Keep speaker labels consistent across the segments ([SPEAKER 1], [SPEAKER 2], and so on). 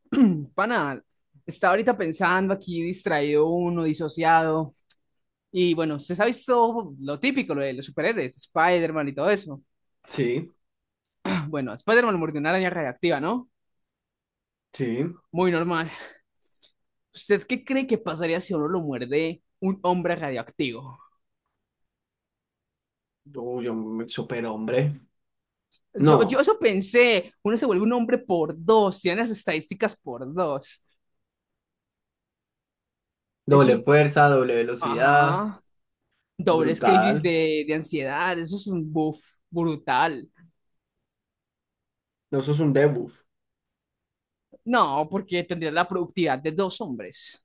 [SPEAKER 1] Pana, está ahorita pensando aquí distraído uno, disociado. Y bueno, usted ha visto lo típico, lo de los superhéroes, Spider-Man y todo eso.
[SPEAKER 2] Sí,
[SPEAKER 1] Bueno, a Spider-Man mordió una araña radiactiva, ¿no?
[SPEAKER 2] sí.
[SPEAKER 1] Muy normal. ¿Usted qué cree que pasaría si a uno lo muerde un hombre radioactivo?
[SPEAKER 2] Uy, un superhombre.
[SPEAKER 1] Yo,
[SPEAKER 2] No,
[SPEAKER 1] yo eso pensé, uno se vuelve un hombre por dos, tiene las estadísticas por dos. Eso
[SPEAKER 2] doble
[SPEAKER 1] es,
[SPEAKER 2] fuerza, doble velocidad,
[SPEAKER 1] ajá, dobles crisis
[SPEAKER 2] brutal.
[SPEAKER 1] de ansiedad, eso es un buff brutal.
[SPEAKER 2] No, eso es un debuff.
[SPEAKER 1] No, porque tendría la productividad de dos hombres.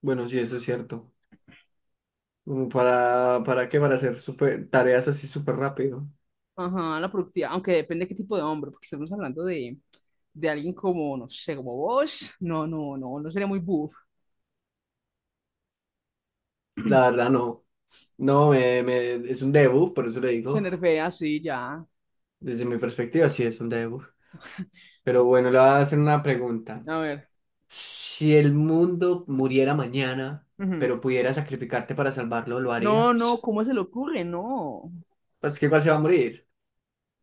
[SPEAKER 2] Bueno, sí, eso es cierto. Como ¿para qué? Para hacer super, tareas así súper rápido.
[SPEAKER 1] Ajá, la productividad, aunque depende de qué tipo de hombre, porque estamos hablando de alguien como, no sé, como vos. No, no, no, no sería muy buff.
[SPEAKER 2] La verdad, no. No, es un debuff, por eso le
[SPEAKER 1] Se
[SPEAKER 2] digo.
[SPEAKER 1] nerfea así, ya.
[SPEAKER 2] Desde mi perspectiva, sí, es un debuff. Pero bueno, le voy a hacer una pregunta.
[SPEAKER 1] A ver.
[SPEAKER 2] Si el mundo muriera mañana,
[SPEAKER 1] Ujú.
[SPEAKER 2] pero pudiera sacrificarte para salvarlo, ¿lo
[SPEAKER 1] No, no,
[SPEAKER 2] harías?
[SPEAKER 1] ¿cómo se le ocurre? No.
[SPEAKER 2] Pues que igual se va a morir.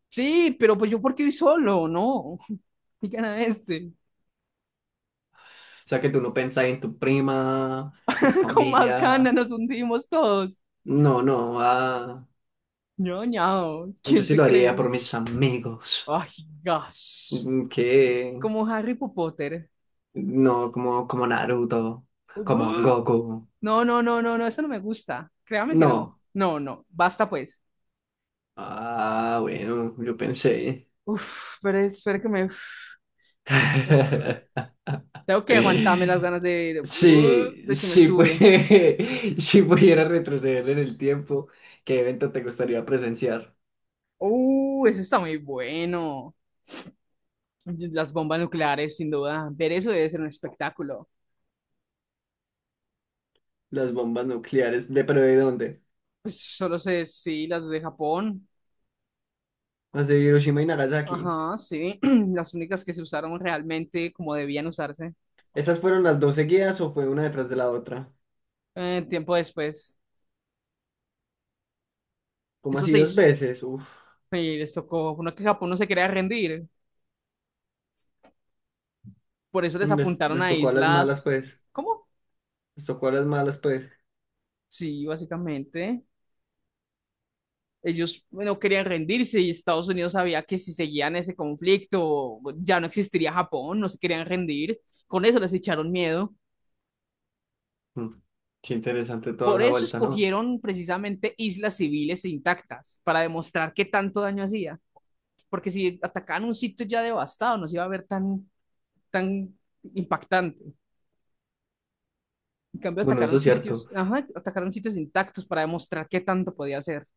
[SPEAKER 1] Sí, pero pues yo porque voy solo, no. Y gana este.
[SPEAKER 2] O sea que tú no pensás en tu prima, en tu
[SPEAKER 1] Con más
[SPEAKER 2] familia.
[SPEAKER 1] ganas nos hundimos todos.
[SPEAKER 2] No, no, ah,
[SPEAKER 1] No, no,
[SPEAKER 2] yo
[SPEAKER 1] ¿quién
[SPEAKER 2] sí
[SPEAKER 1] se
[SPEAKER 2] lo haría
[SPEAKER 1] cree?
[SPEAKER 2] por mis amigos.
[SPEAKER 1] Ay, gas.
[SPEAKER 2] Que
[SPEAKER 1] Como Harry Potter.
[SPEAKER 2] no, como, como Naruto, como Goku.
[SPEAKER 1] No, no, no, no, no, eso no me gusta. Créame que no.
[SPEAKER 2] No.
[SPEAKER 1] No, no, basta pues.
[SPEAKER 2] Ah, bueno, yo pensé.
[SPEAKER 1] Uf, pero espera que me... Uf, uf. Tengo que aguantarme las ganas
[SPEAKER 2] Sí,
[SPEAKER 1] de que me
[SPEAKER 2] sí, pues,
[SPEAKER 1] sube.
[SPEAKER 2] si pudiera retroceder en el tiempo, ¿qué evento te gustaría presenciar?
[SPEAKER 1] Eso está muy bueno. Las bombas nucleares, sin duda. Ver eso debe ser un espectáculo.
[SPEAKER 2] Las bombas nucleares, ¿de pero de dónde?
[SPEAKER 1] Pues solo sé, sí, las de Japón.
[SPEAKER 2] ¿Las de Hiroshima y Nagasaki?
[SPEAKER 1] Ajá, sí. Las únicas que se usaron realmente como debían usarse.
[SPEAKER 2] ¿Esas fueron las dos seguidas o fue una detrás de la otra?
[SPEAKER 1] Tiempo después.
[SPEAKER 2] ¿Como
[SPEAKER 1] Eso
[SPEAKER 2] así
[SPEAKER 1] se
[SPEAKER 2] dos
[SPEAKER 1] hizo.
[SPEAKER 2] veces? Uf,
[SPEAKER 1] Y les tocó. Uno que Japón no se quería rendir. Por eso les apuntaron
[SPEAKER 2] les
[SPEAKER 1] a
[SPEAKER 2] tocó a las malas,
[SPEAKER 1] islas.
[SPEAKER 2] pues.
[SPEAKER 1] ¿Cómo?
[SPEAKER 2] Les tocó a las malas, pues.
[SPEAKER 1] Sí, básicamente. Ellos no querían rendirse y Estados Unidos sabía que si seguían ese conflicto ya no existiría Japón, no se querían rendir. Con eso les echaron miedo.
[SPEAKER 2] Mm, Qué interesante toda
[SPEAKER 1] Por
[SPEAKER 2] esa
[SPEAKER 1] eso
[SPEAKER 2] vuelta, ¿no?
[SPEAKER 1] escogieron precisamente islas civiles e intactas, para demostrar qué tanto daño hacía. Porque si atacaban un sitio ya devastado, no se iba a ver tan, tan impactante. En cambio,
[SPEAKER 2] Bueno, eso
[SPEAKER 1] atacaron
[SPEAKER 2] es cierto.
[SPEAKER 1] sitios, ajá, atacaron sitios intactos para demostrar qué tanto podía hacer.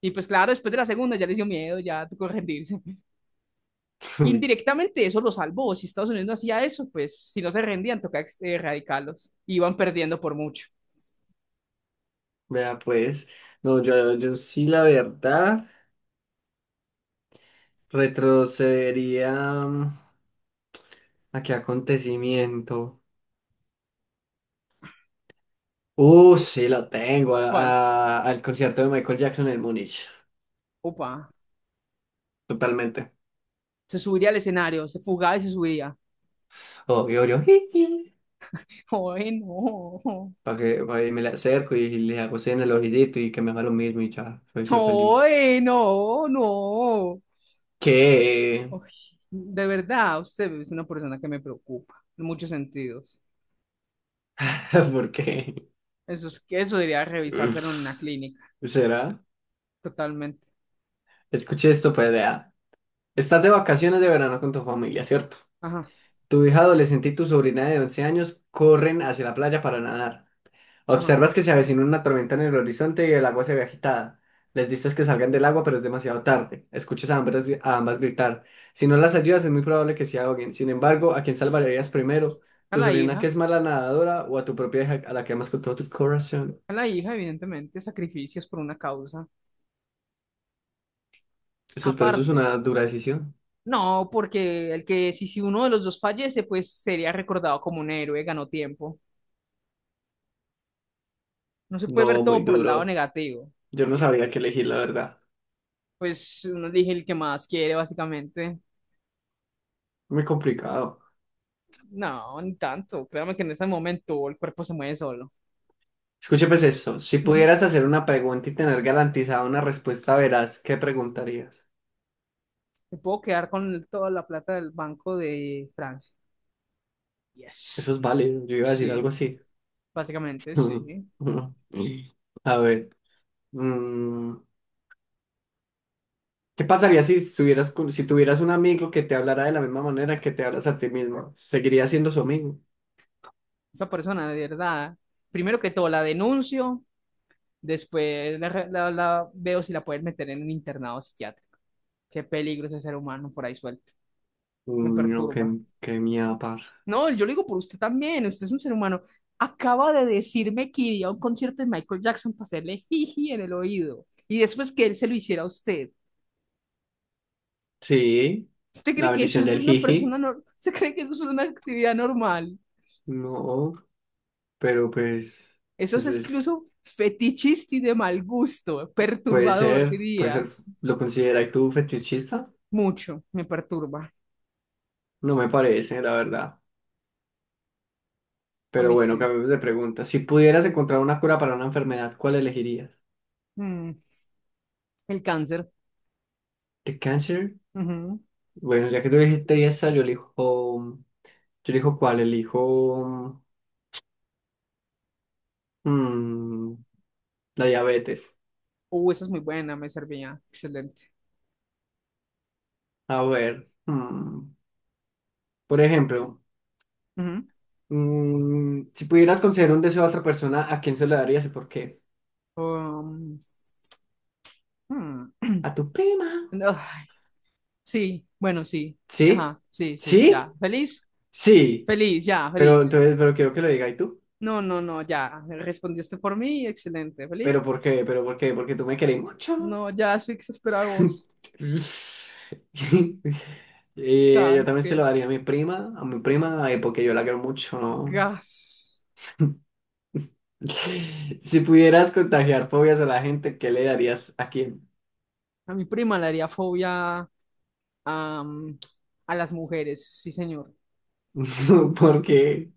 [SPEAKER 1] Y pues claro, después de la segunda ya le dio miedo, ya tocó rendirse. Que
[SPEAKER 2] Uy,
[SPEAKER 1] indirectamente eso lo salvó. Si Estados Unidos no hacía eso, pues si no se rendían, tocaba erradicarlos. Iban perdiendo por mucho.
[SPEAKER 2] vea, pues. No, yo sí, la verdad, retrocedería. ¿A qué acontecimiento? Sí, lo tengo.
[SPEAKER 1] ¿Cuál?
[SPEAKER 2] Al concierto de Michael Jackson en Múnich.
[SPEAKER 1] Opa.
[SPEAKER 2] Totalmente.
[SPEAKER 1] Se subiría al escenario, se fugaba y se subiría.
[SPEAKER 2] Obvio, yo.
[SPEAKER 1] ¡Ay, no!
[SPEAKER 2] para que, pa' que me le acerco y, les hago cena al ojito y que me haga lo mismo y ya, soy feliz.
[SPEAKER 1] ¡Ay, no! ¡No!
[SPEAKER 2] ¿Qué?
[SPEAKER 1] Ay, de verdad, usted es una persona que me preocupa en muchos sentidos.
[SPEAKER 2] ¿Por qué?
[SPEAKER 1] Eso es que eso debería
[SPEAKER 2] Uf,
[SPEAKER 1] revisárselo en una clínica,
[SPEAKER 2] ¿Será?
[SPEAKER 1] totalmente.
[SPEAKER 2] Escuché esto, pues vea. Estás de vacaciones de verano con tu familia, ¿cierto?
[SPEAKER 1] Ajá,
[SPEAKER 2] Tu hija adolescente y tu sobrina de 11 años corren hacia la playa para nadar.
[SPEAKER 1] ajá.
[SPEAKER 2] Observas que se avecina una tormenta en el horizonte y el agua se ve agitada. Les dices que salgan del agua, pero es demasiado tarde. Escuchas a ambas gritar. Si no las ayudas, es muy probable que se ahoguen. Sin embargo, ¿a quién salvarías primero?
[SPEAKER 1] A
[SPEAKER 2] ¿Tu
[SPEAKER 1] la
[SPEAKER 2] sobrina que
[SPEAKER 1] hija.
[SPEAKER 2] es mala nadadora o a tu propia hija a la que amas con todo tu corazón?
[SPEAKER 1] A la hija, evidentemente, sacrificios por una causa
[SPEAKER 2] Eso, pero eso es
[SPEAKER 1] aparte.
[SPEAKER 2] una dura decisión.
[SPEAKER 1] No, porque el que si, si uno de los dos fallece, pues sería recordado como un héroe, ganó tiempo. No se puede ver
[SPEAKER 2] No, muy
[SPEAKER 1] todo por el lado
[SPEAKER 2] duro.
[SPEAKER 1] negativo.
[SPEAKER 2] Yo no sabría qué elegir, la verdad.
[SPEAKER 1] Pues uno elige el que más quiere, básicamente.
[SPEAKER 2] Muy complicado.
[SPEAKER 1] No, ni tanto. Créame que en ese momento el cuerpo se mueve solo.
[SPEAKER 2] Escuche pues eso. Si
[SPEAKER 1] Ujú.
[SPEAKER 2] pudieras hacer una pregunta y tener garantizada una respuesta veraz, ¿qué preguntarías?
[SPEAKER 1] Me puedo quedar con toda la plata del Banco de Francia.
[SPEAKER 2] Eso
[SPEAKER 1] Yes.
[SPEAKER 2] es válido. Yo iba a decir algo
[SPEAKER 1] Sí,
[SPEAKER 2] así.
[SPEAKER 1] básicamente sí.
[SPEAKER 2] A ver, mm, ¿qué pasaría si si tuvieras un amigo que te hablara de la misma manera que te hablas a ti mismo? ¿Seguiría siendo su amigo?
[SPEAKER 1] Esa persona, de verdad, primero que todo la denuncio. Después la, la veo si la pueden meter en un internado psiquiátrico. Qué peligro ese ser humano por ahí suelto. Me
[SPEAKER 2] No,
[SPEAKER 1] perturba.
[SPEAKER 2] qué mía, parce.
[SPEAKER 1] No, yo lo digo por usted también. Usted es un ser humano. Acaba de decirme que iría a un concierto de Michael Jackson para hacerle jiji en el oído. Y después que él se lo hiciera a usted.
[SPEAKER 2] Sí,
[SPEAKER 1] ¿Usted
[SPEAKER 2] la
[SPEAKER 1] cree que eso
[SPEAKER 2] bendición
[SPEAKER 1] es de
[SPEAKER 2] del
[SPEAKER 1] una persona
[SPEAKER 2] jiji.
[SPEAKER 1] normal? ¿Usted cree que eso es una actividad normal?
[SPEAKER 2] No, pero pues,
[SPEAKER 1] Eso es
[SPEAKER 2] pues es-
[SPEAKER 1] incluso fetichista y de mal gusto. Perturbador,
[SPEAKER 2] puede
[SPEAKER 1] diría.
[SPEAKER 2] ser, ¿lo consideras tú fetichista?
[SPEAKER 1] Mucho. Me perturba.
[SPEAKER 2] No me parece, la verdad.
[SPEAKER 1] A
[SPEAKER 2] Pero
[SPEAKER 1] mí
[SPEAKER 2] bueno,
[SPEAKER 1] sí.
[SPEAKER 2] cambiemos de pregunta. Si pudieras encontrar una cura para una enfermedad, ¿cuál elegirías?
[SPEAKER 1] Mm, el cáncer.
[SPEAKER 2] ¿El cáncer?
[SPEAKER 1] Ujú.
[SPEAKER 2] Bueno, ya que tú dijiste esa, elijo mm, la diabetes.
[SPEAKER 1] Esa es muy buena, me servía. Excelente.
[SPEAKER 2] A ver, por ejemplo,
[SPEAKER 1] Ujú.
[SPEAKER 2] si pudieras conceder un deseo a otra persona, ¿a quién se lo darías y por qué?
[SPEAKER 1] Um, hmm.
[SPEAKER 2] A tu prima.
[SPEAKER 1] No, ay, sí, bueno, sí.
[SPEAKER 2] ¿Sí?
[SPEAKER 1] Ajá, sí, sí, ya.
[SPEAKER 2] ¿Sí?
[SPEAKER 1] ¿Feliz?
[SPEAKER 2] Sí.
[SPEAKER 1] Feliz, ya,
[SPEAKER 2] Pero
[SPEAKER 1] feliz.
[SPEAKER 2] entonces, pero quiero que lo diga y tú.
[SPEAKER 1] No, no, no, ya. Respondiste por mí, excelente.
[SPEAKER 2] ¿Pero
[SPEAKER 1] ¿Feliz?
[SPEAKER 2] por qué? ¿Pero por qué? Porque tú me querés mucho.
[SPEAKER 1] No, ya estoy exasperado de vos.
[SPEAKER 2] Yo
[SPEAKER 1] Gas,
[SPEAKER 2] también se
[SPEAKER 1] que
[SPEAKER 2] lo daría a a mi prima, porque yo la quiero mucho, ¿no?
[SPEAKER 1] gas.
[SPEAKER 2] Si pudieras contagiar fobias a la gente, ¿qué le darías a quién?
[SPEAKER 1] A mi prima le haría fobia am, a las mujeres, sí, señor.
[SPEAKER 2] Porque,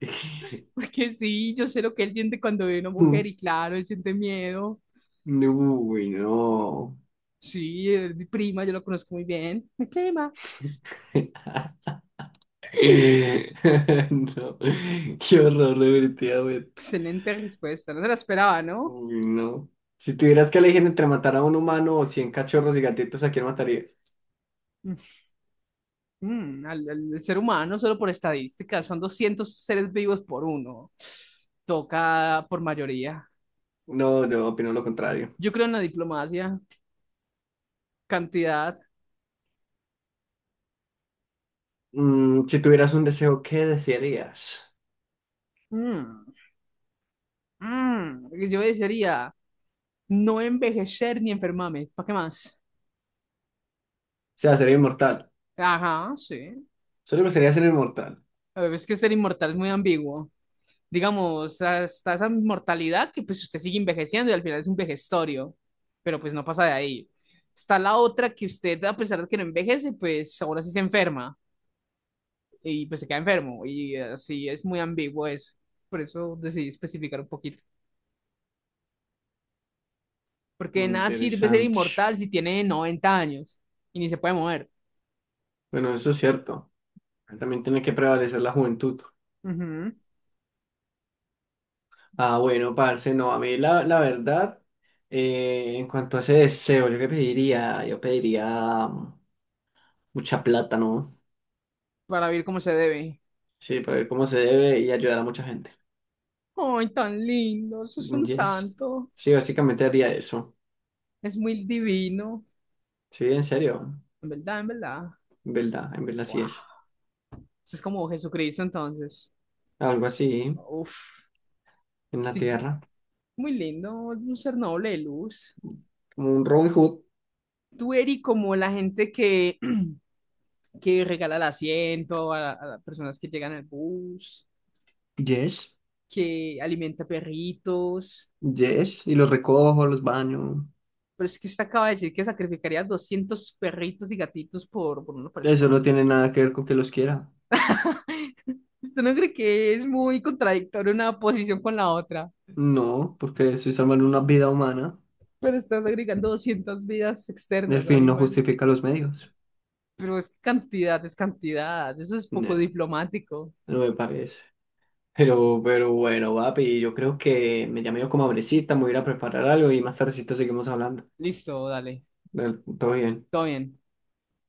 [SPEAKER 1] Porque sí, yo sé lo que él siente cuando ve una mujer y claro, él siente miedo.
[SPEAKER 2] uy, no.
[SPEAKER 1] Sí, es mi prima, yo la conozco muy bien. Mi prima.
[SPEAKER 2] No, qué horror, definitivamente.
[SPEAKER 1] Excelente respuesta, no se la esperaba, ¿no?
[SPEAKER 2] Uy, no. Si tuvieras que elegir entre matar a un humano o 100 cachorros y gatitos, ¿a quién matarías?
[SPEAKER 1] Mm, al, el ser humano, solo por estadísticas, son 200 seres vivos por uno. Toca por mayoría.
[SPEAKER 2] No, yo opino lo contrario.
[SPEAKER 1] Yo creo en la diplomacia, cantidad.
[SPEAKER 2] Mm, si tuvieras un deseo, ¿qué desearías?
[SPEAKER 1] Mm, mm, yo desearía no envejecer ni enfermarme. ¿Para qué más?
[SPEAKER 2] O sea, sería inmortal.
[SPEAKER 1] Ajá, sí.
[SPEAKER 2] Solo me gustaría ser inmortal.
[SPEAKER 1] A ver, es que ser inmortal es muy ambiguo. Digamos, hasta esa inmortalidad que pues usted sigue envejeciendo y al final es un vejestorio, pero pues no pasa de ahí. Está la otra que usted, a pesar de que no envejece, pues ahora sí se enferma y pues se queda enfermo y así es muy ambiguo eso. Por eso decidí especificar un poquito. Porque de nada sirve ser
[SPEAKER 2] Interesante.
[SPEAKER 1] inmortal si tiene 90 años y ni se puede mover.
[SPEAKER 2] Bueno, eso es cierto. También tiene que prevalecer la juventud.
[SPEAKER 1] Ujú,
[SPEAKER 2] Ah, bueno, parce, no, a mí la verdad, en cuanto a ese deseo, yo pediría mucha plata, ¿no?
[SPEAKER 1] para vivir como se debe.
[SPEAKER 2] Sí, para ver cómo se debe y ayudar a mucha gente.
[SPEAKER 1] Ay, tan lindo, eso es un
[SPEAKER 2] Yes.
[SPEAKER 1] santo.
[SPEAKER 2] Sí, básicamente haría eso.
[SPEAKER 1] Es muy divino.
[SPEAKER 2] Sí, en serio,
[SPEAKER 1] En verdad, en verdad.
[SPEAKER 2] en verdad sí
[SPEAKER 1] Wow.
[SPEAKER 2] es.
[SPEAKER 1] Eso es como Jesucristo entonces.
[SPEAKER 2] Algo así,
[SPEAKER 1] Uf,
[SPEAKER 2] en la
[SPEAKER 1] sí,
[SPEAKER 2] tierra,
[SPEAKER 1] muy lindo, un ser noble de luz.
[SPEAKER 2] como un Robin Hood.
[SPEAKER 1] Tú eres como la gente que, que regala el asiento a las personas que llegan al bus,
[SPEAKER 2] Yes,
[SPEAKER 1] que alimenta perritos.
[SPEAKER 2] yes, y los recojo, los baño.
[SPEAKER 1] Pero es que usted acaba de decir que sacrificaría 200 perritos y gatitos por una
[SPEAKER 2] Eso no
[SPEAKER 1] persona.
[SPEAKER 2] tiene nada que ver con que los quiera.
[SPEAKER 1] ¿Usted no cree que es muy contradictoria una posición con la otra?
[SPEAKER 2] No, porque estoy salvando una vida humana.
[SPEAKER 1] Pero estás agregando 200 vidas
[SPEAKER 2] El
[SPEAKER 1] externas,
[SPEAKER 2] fin no
[SPEAKER 1] animal.
[SPEAKER 2] justifica los medios.
[SPEAKER 1] Pero es que cantidad es cantidad. Eso es poco
[SPEAKER 2] Nah,
[SPEAKER 1] diplomático.
[SPEAKER 2] no me parece. Pero bueno, papi, yo creo que me llamé yo como hambrecita, me voy a ir a preparar algo y más tardecito seguimos hablando.
[SPEAKER 1] Listo, dale.
[SPEAKER 2] Dale, todo bien.
[SPEAKER 1] Todo bien.